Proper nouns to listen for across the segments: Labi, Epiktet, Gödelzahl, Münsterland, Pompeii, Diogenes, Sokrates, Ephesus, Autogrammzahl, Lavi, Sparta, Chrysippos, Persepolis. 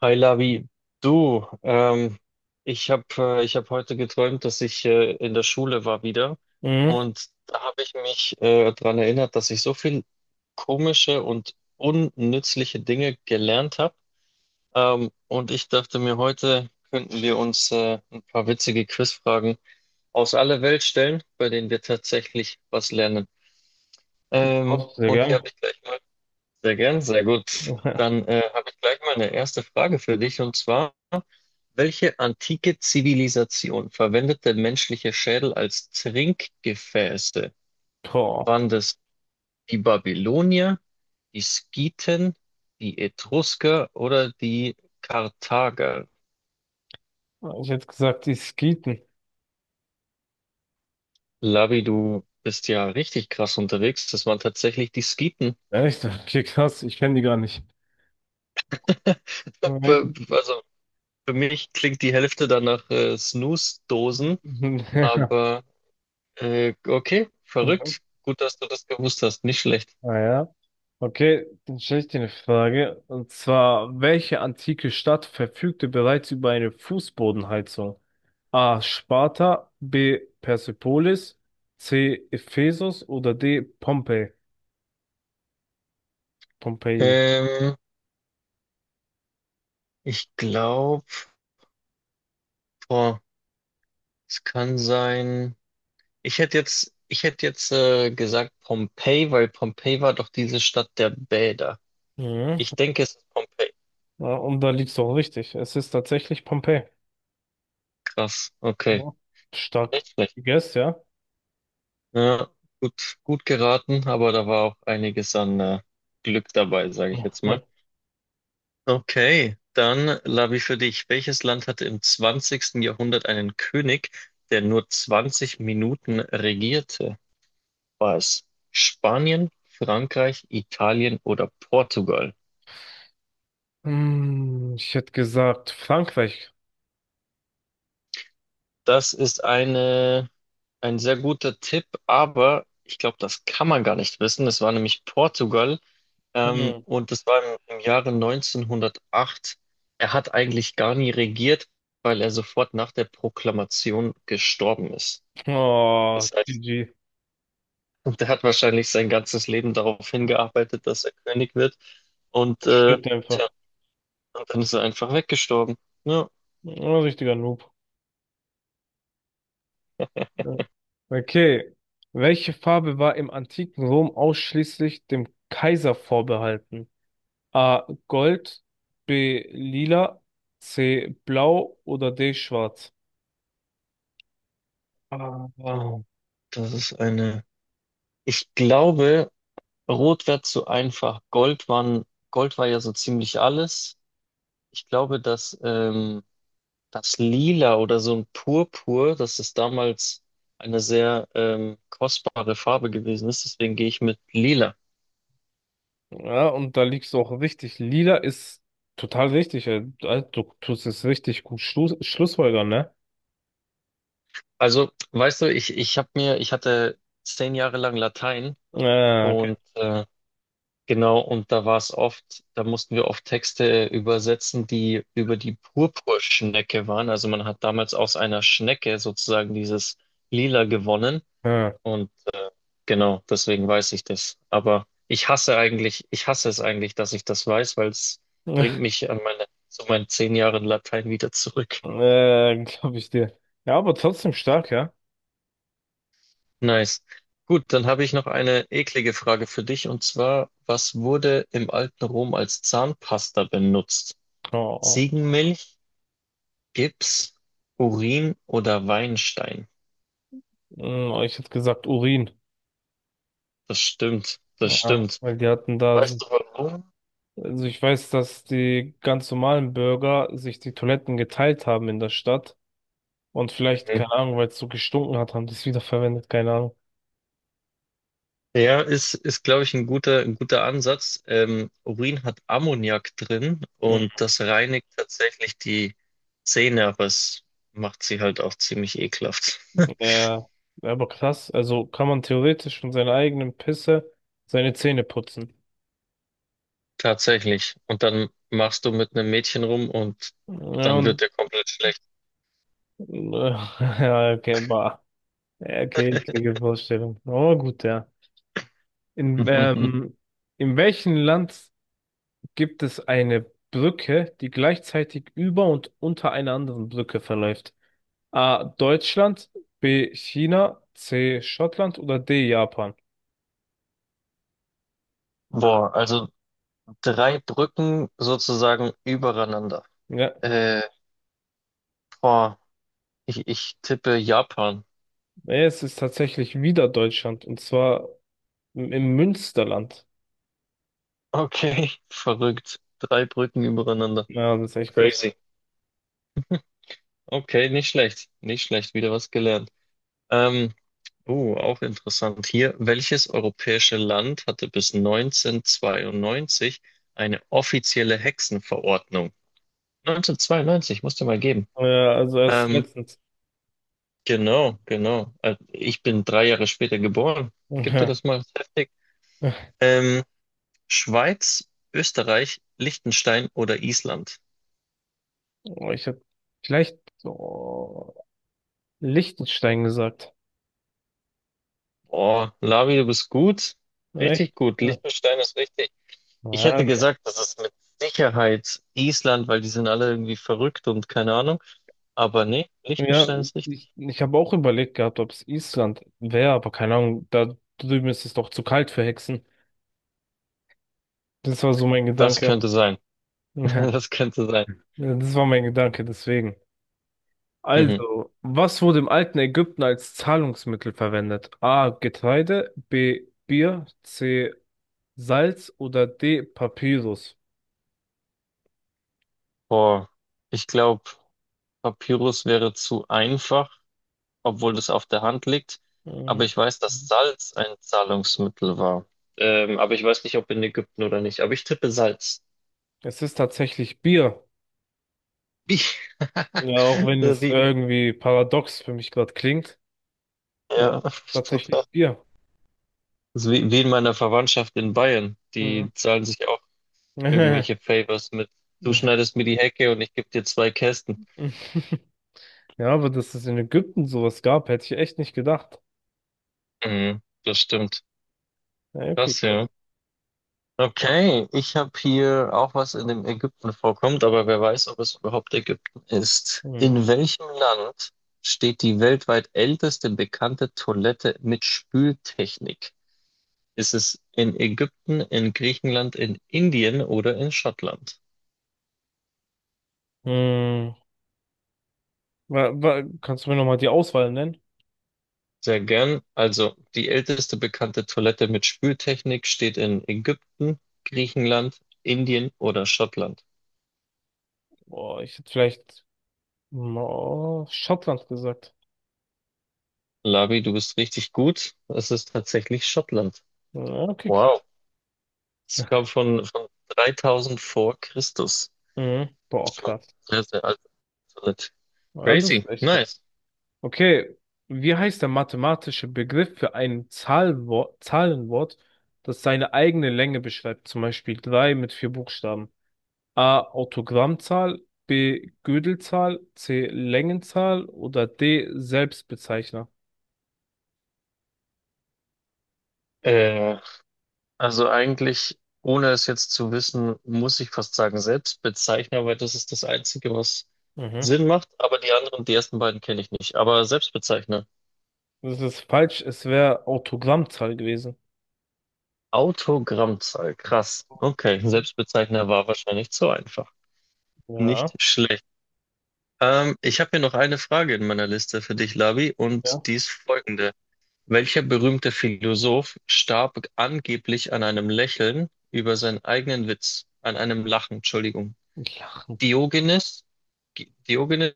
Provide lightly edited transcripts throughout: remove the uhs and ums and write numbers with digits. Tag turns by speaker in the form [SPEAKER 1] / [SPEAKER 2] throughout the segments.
[SPEAKER 1] Hi Lavi, du, ich habe ich hab heute geträumt, dass ich in der Schule war wieder,
[SPEAKER 2] Mhm.
[SPEAKER 1] und da habe ich mich daran erinnert, dass ich so viel komische und unnützliche Dinge gelernt habe. Und ich dachte mir, heute könnten wir uns ein paar witzige Quizfragen aus aller Welt stellen, bei denen wir tatsächlich was lernen. Ähm,
[SPEAKER 2] Auch sehr
[SPEAKER 1] und hier
[SPEAKER 2] gern.
[SPEAKER 1] habe ich gleich mal, sehr gern, sehr gut. Dann habe ich gleich mal eine erste Frage für dich und zwar. Welche antike Zivilisation verwendete menschliche Schädel als Trinkgefäße?
[SPEAKER 2] Boah,
[SPEAKER 1] Waren das die Babylonier, die Skythen, die Etrusker oder die Karthager?
[SPEAKER 2] ich hätte gesagt, die Skeeten.
[SPEAKER 1] Labi, du bist ja richtig krass unterwegs. Das waren tatsächlich die Skythen.
[SPEAKER 2] Echt? Okay, krass, ich kenne die gar nicht.
[SPEAKER 1] Be-
[SPEAKER 2] Nein.
[SPEAKER 1] Also für mich klingt die Hälfte dann nach Snooze-Dosen, aber okay,
[SPEAKER 2] Ja.
[SPEAKER 1] verrückt. Gut, dass du das gewusst hast. Nicht schlecht.
[SPEAKER 2] Naja. Okay, dann stelle ich dir eine Frage. Und zwar, welche antike Stadt verfügte bereits über eine Fußbodenheizung? A. Sparta, B. Persepolis, C. Ephesus oder D. Pompeii? Pompeii.
[SPEAKER 1] Ähm, ich glaube. Boah, es kann sein. Ich hätte jetzt gesagt Pompeji, weil Pompeji war doch diese Stadt der Bäder.
[SPEAKER 2] Mhm.
[SPEAKER 1] Ich denke, es ist Pompeji.
[SPEAKER 2] Ja, und da liegst du auch richtig. Es ist tatsächlich Pompeii.
[SPEAKER 1] Krass. Okay.
[SPEAKER 2] Ja. Stark
[SPEAKER 1] Nicht schlecht.
[SPEAKER 2] gegessen, ja?
[SPEAKER 1] Ja, gut, gut geraten, aber da war auch einiges an Glück dabei, sage ich jetzt mal.
[SPEAKER 2] Mhm.
[SPEAKER 1] Okay, dann Lavi für dich. Welches Land hatte im 20. Jahrhundert einen König, der nur 20 Minuten regierte? War es Spanien, Frankreich, Italien oder Portugal?
[SPEAKER 2] Hm, ich hätte gesagt, Frankreich.
[SPEAKER 1] Das ist eine, ein sehr guter Tipp, aber ich glaube, das kann man gar nicht wissen. Es war nämlich Portugal,
[SPEAKER 2] Mhm.
[SPEAKER 1] und das war im Jahre 1908. Er hat eigentlich gar nie regiert, weil er sofort nach der Proklamation gestorben ist.
[SPEAKER 2] Oh,
[SPEAKER 1] Das heißt,
[SPEAKER 2] GG.
[SPEAKER 1] der hat wahrscheinlich sein ganzes Leben darauf hingearbeitet, dass er König wird. Und,
[SPEAKER 2] Stirbt
[SPEAKER 1] tja,
[SPEAKER 2] einfach.
[SPEAKER 1] und dann ist er einfach weggestorben. Ja.
[SPEAKER 2] Ein richtiger Noob. Ja. Okay. Welche Farbe war im antiken Rom ausschließlich dem Kaiser vorbehalten? A. Gold, B. Lila, C. Blau oder D. Schwarz?
[SPEAKER 1] Aber das ist eine. Ich glaube. Rot wäre zu einfach. Gold waren, Gold war ja so ziemlich alles. Ich glaube, dass das Lila oder so ein Purpur, dass es damals eine sehr kostbare Farbe gewesen ist. Deswegen gehe ich mit Lila.
[SPEAKER 2] Ja, und da liegst du auch richtig. Lila ist total richtig. Also, du tust es richtig gut Schluss, schlussfolgern, ne?
[SPEAKER 1] Also, weißt du, ich habe mir, ich hatte 10 Jahre lang Latein
[SPEAKER 2] Okay.
[SPEAKER 1] und genau, und da war es oft, da mussten wir oft Texte übersetzen, die über die Purpurschnecke waren. Also man hat damals aus einer Schnecke sozusagen dieses Lila gewonnen.
[SPEAKER 2] Ja.
[SPEAKER 1] Und genau, deswegen weiß ich das. Aber ich hasse eigentlich, ich hasse es eigentlich, dass ich das weiß, weil es bringt mich an meine, zu meinen 10 Jahren Latein wieder zurück.
[SPEAKER 2] Glaube ich dir. Ja, aber trotzdem stark, ja.
[SPEAKER 1] Nice. Gut, dann habe ich noch eine eklige Frage für dich und zwar, was wurde im alten Rom als Zahnpasta benutzt?
[SPEAKER 2] Oh, oh.
[SPEAKER 1] Ziegenmilch? Gips, Urin oder Weinstein.
[SPEAKER 2] Hm, ich hätte gesagt Urin.
[SPEAKER 1] Das stimmt, das
[SPEAKER 2] Ja,
[SPEAKER 1] stimmt.
[SPEAKER 2] weil die hatten da.
[SPEAKER 1] Weißt du warum?
[SPEAKER 2] Also ich weiß, dass die ganz normalen Bürger sich die Toiletten geteilt haben in der Stadt. Und vielleicht,
[SPEAKER 1] Mhm.
[SPEAKER 2] keine Ahnung, weil es so gestunken hat, haben die es wiederverwendet, keine Ahnung.
[SPEAKER 1] Ja, ist glaube ich, ein guter Ansatz. Urin hat Ammoniak drin und das reinigt tatsächlich die Zähne, aber es macht sie halt auch ziemlich ekelhaft.
[SPEAKER 2] Ja, aber krass, also kann man theoretisch von seiner eigenen Pisse seine Zähne putzen.
[SPEAKER 1] Tatsächlich. Und dann machst du mit einem Mädchen rum und
[SPEAKER 2] Ja,
[SPEAKER 1] dann
[SPEAKER 2] und,
[SPEAKER 1] wird dir komplett schlecht.
[SPEAKER 2] ja, okay, bah. Ja, okay, kriege Vorstellung. Oh, gut, ja. In, ähm, in welchem Land gibt es eine Brücke, die gleichzeitig über und unter einer anderen Brücke verläuft? A. Deutschland, B. China, C. Schottland oder D. Japan?
[SPEAKER 1] Boah, also 3 Brücken sozusagen übereinander.
[SPEAKER 2] Ja,
[SPEAKER 1] Äh, boah, ich tippe Japan.
[SPEAKER 2] es ist tatsächlich wieder Deutschland, und zwar im Münsterland.
[SPEAKER 1] Okay, verrückt. 3 Brücken übereinander.
[SPEAKER 2] Ja, das ist echt krass.
[SPEAKER 1] Crazy. Okay, nicht schlecht. Nicht schlecht. Wieder was gelernt. Ähm, auch interessant hier. Welches europäische Land hatte bis 1992 eine offizielle Hexenverordnung? 1992, musst du mal geben.
[SPEAKER 2] Ja, also erst
[SPEAKER 1] Ähm,
[SPEAKER 2] letztens.
[SPEAKER 1] genau, genau. Ich bin 3 Jahre später geboren. Gib dir
[SPEAKER 2] Ja.
[SPEAKER 1] das mal heftig. Ähm, Schweiz, Österreich, Liechtenstein oder Island?
[SPEAKER 2] Oh, ich hätte vielleicht oh, Liechtenstein gesagt.
[SPEAKER 1] Oh, Lavi, du bist gut.
[SPEAKER 2] Echt?
[SPEAKER 1] Richtig gut.
[SPEAKER 2] Ja,
[SPEAKER 1] Liechtenstein ist richtig. Ich
[SPEAKER 2] ja,
[SPEAKER 1] hätte
[SPEAKER 2] okay.
[SPEAKER 1] gesagt, das ist mit Sicherheit Island, weil die sind alle irgendwie verrückt und keine Ahnung. Aber nee,
[SPEAKER 2] Ja,
[SPEAKER 1] Liechtenstein ist
[SPEAKER 2] ich,
[SPEAKER 1] richtig.
[SPEAKER 2] ich habe auch überlegt gehabt, ob es Island wäre, aber keine Ahnung, da drüben ist es doch zu kalt für Hexen. Das war so mein
[SPEAKER 1] Das
[SPEAKER 2] Gedanke.
[SPEAKER 1] könnte sein. Das könnte sein.
[SPEAKER 2] Ja, das war mein Gedanke, deswegen.
[SPEAKER 1] Mhm.
[SPEAKER 2] Also, was wurde im alten Ägypten als Zahlungsmittel verwendet? A. Getreide, B. Bier, C. Salz oder D. Papyrus?
[SPEAKER 1] Boah, ich glaube, Papyrus wäre zu einfach, obwohl das auf der Hand liegt. Aber
[SPEAKER 2] Mhm.
[SPEAKER 1] ich weiß, dass Salz ein Zahlungsmittel war. Aber ich weiß nicht, ob in Ägypten oder nicht. Aber ich tippe Salz.
[SPEAKER 2] Es ist tatsächlich Bier.
[SPEAKER 1] Wie?
[SPEAKER 2] Ja, auch wenn es
[SPEAKER 1] Wie?
[SPEAKER 2] irgendwie paradox für mich gerade klingt, aber
[SPEAKER 1] Ja.
[SPEAKER 2] tatsächlich Bier.
[SPEAKER 1] Das ist wie in meiner Verwandtschaft in Bayern.
[SPEAKER 2] Mhm.
[SPEAKER 1] Die zahlen sich auch irgendwelche Favors mit. Du schneidest mir die Hecke und ich gebe dir 2 Kästen.
[SPEAKER 2] Ja, aber dass es in Ägypten sowas gab, hätte ich echt nicht gedacht.
[SPEAKER 1] Mhm, das stimmt.
[SPEAKER 2] Ja, okay,
[SPEAKER 1] Krass,
[SPEAKER 2] gut.
[SPEAKER 1] ja. Okay, ich habe hier auch was in dem Ägypten vorkommt, aber wer weiß, ob es überhaupt Ägypten ist.
[SPEAKER 2] Mhm.
[SPEAKER 1] In welchem Land steht die weltweit älteste bekannte Toilette mit Spültechnik? Ist es in Ägypten, in Griechenland, in Indien oder in Schottland?
[SPEAKER 2] Mhm. Kannst du mir nochmal die Auswahl nennen?
[SPEAKER 1] Sehr gern. Also die älteste bekannte Toilette mit Spültechnik steht in Ägypten, Griechenland, Indien oder Schottland.
[SPEAKER 2] Boah, ich hätte vielleicht oh, Schottland gesagt.
[SPEAKER 1] Labi, du bist richtig gut. Es ist tatsächlich Schottland.
[SPEAKER 2] Ja, okay, krass.
[SPEAKER 1] Wow. Es kam von 3000 vor Christus.
[SPEAKER 2] Mhm.
[SPEAKER 1] Das
[SPEAKER 2] Boah,
[SPEAKER 1] ist schon
[SPEAKER 2] krass.
[SPEAKER 1] sehr, sehr alte Toilette.
[SPEAKER 2] Ja, das ist
[SPEAKER 1] Crazy.
[SPEAKER 2] echt krass.
[SPEAKER 1] Nice.
[SPEAKER 2] Okay, wie heißt der mathematische Begriff für ein Zahlwort, Zahlenwort, das seine eigene Länge beschreibt? Zum Beispiel 3 mit vier Buchstaben. A. Autogrammzahl, B. Gödelzahl, C. Längenzahl oder D. Selbstbezeichner.
[SPEAKER 1] Äh, also eigentlich, ohne es jetzt zu wissen, muss ich fast sagen Selbstbezeichner, weil das ist das Einzige, was
[SPEAKER 2] Mhm.
[SPEAKER 1] Sinn macht. Aber die anderen, die ersten beiden kenne ich nicht. Aber Selbstbezeichner.
[SPEAKER 2] Das ist falsch, es wäre Autogrammzahl gewesen.
[SPEAKER 1] Autogrammzahl, krass. Okay, Selbstbezeichner war wahrscheinlich zu einfach. Nicht
[SPEAKER 2] Ja,
[SPEAKER 1] schlecht. Ich habe hier noch eine Frage in meiner Liste für dich, Labi,
[SPEAKER 2] ja.
[SPEAKER 1] und die ist folgende. Welcher berühmte Philosoph starb angeblich an einem Lächeln über seinen eigenen Witz, an einem Lachen, Entschuldigung?
[SPEAKER 2] Ich
[SPEAKER 1] Diogenes, Diogenes,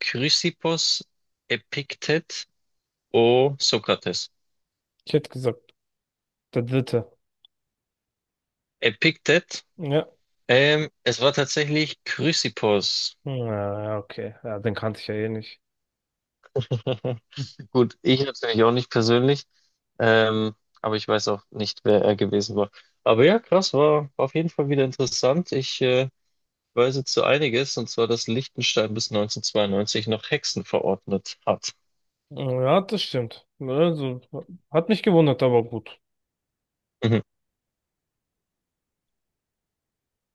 [SPEAKER 1] Chrysippos, Epiktet, O Sokrates.
[SPEAKER 2] ich hätte gesagt, der dritte.
[SPEAKER 1] Epiktet,
[SPEAKER 2] Ja.
[SPEAKER 1] es war tatsächlich Chrysippos.
[SPEAKER 2] Ja, okay. Ja, den kannte ich ja eh nicht.
[SPEAKER 1] Gut, ich natürlich auch nicht persönlich, ähm, aber ich weiß auch nicht, wer er gewesen war. Aber ja, krass, war auf jeden Fall wieder interessant. Ich weiß jetzt so einiges, und zwar, dass Liechtenstein bis 1992 noch Hexen verordnet hat.
[SPEAKER 2] Ja, das stimmt. Ne, also, hat mich gewundert, aber gut.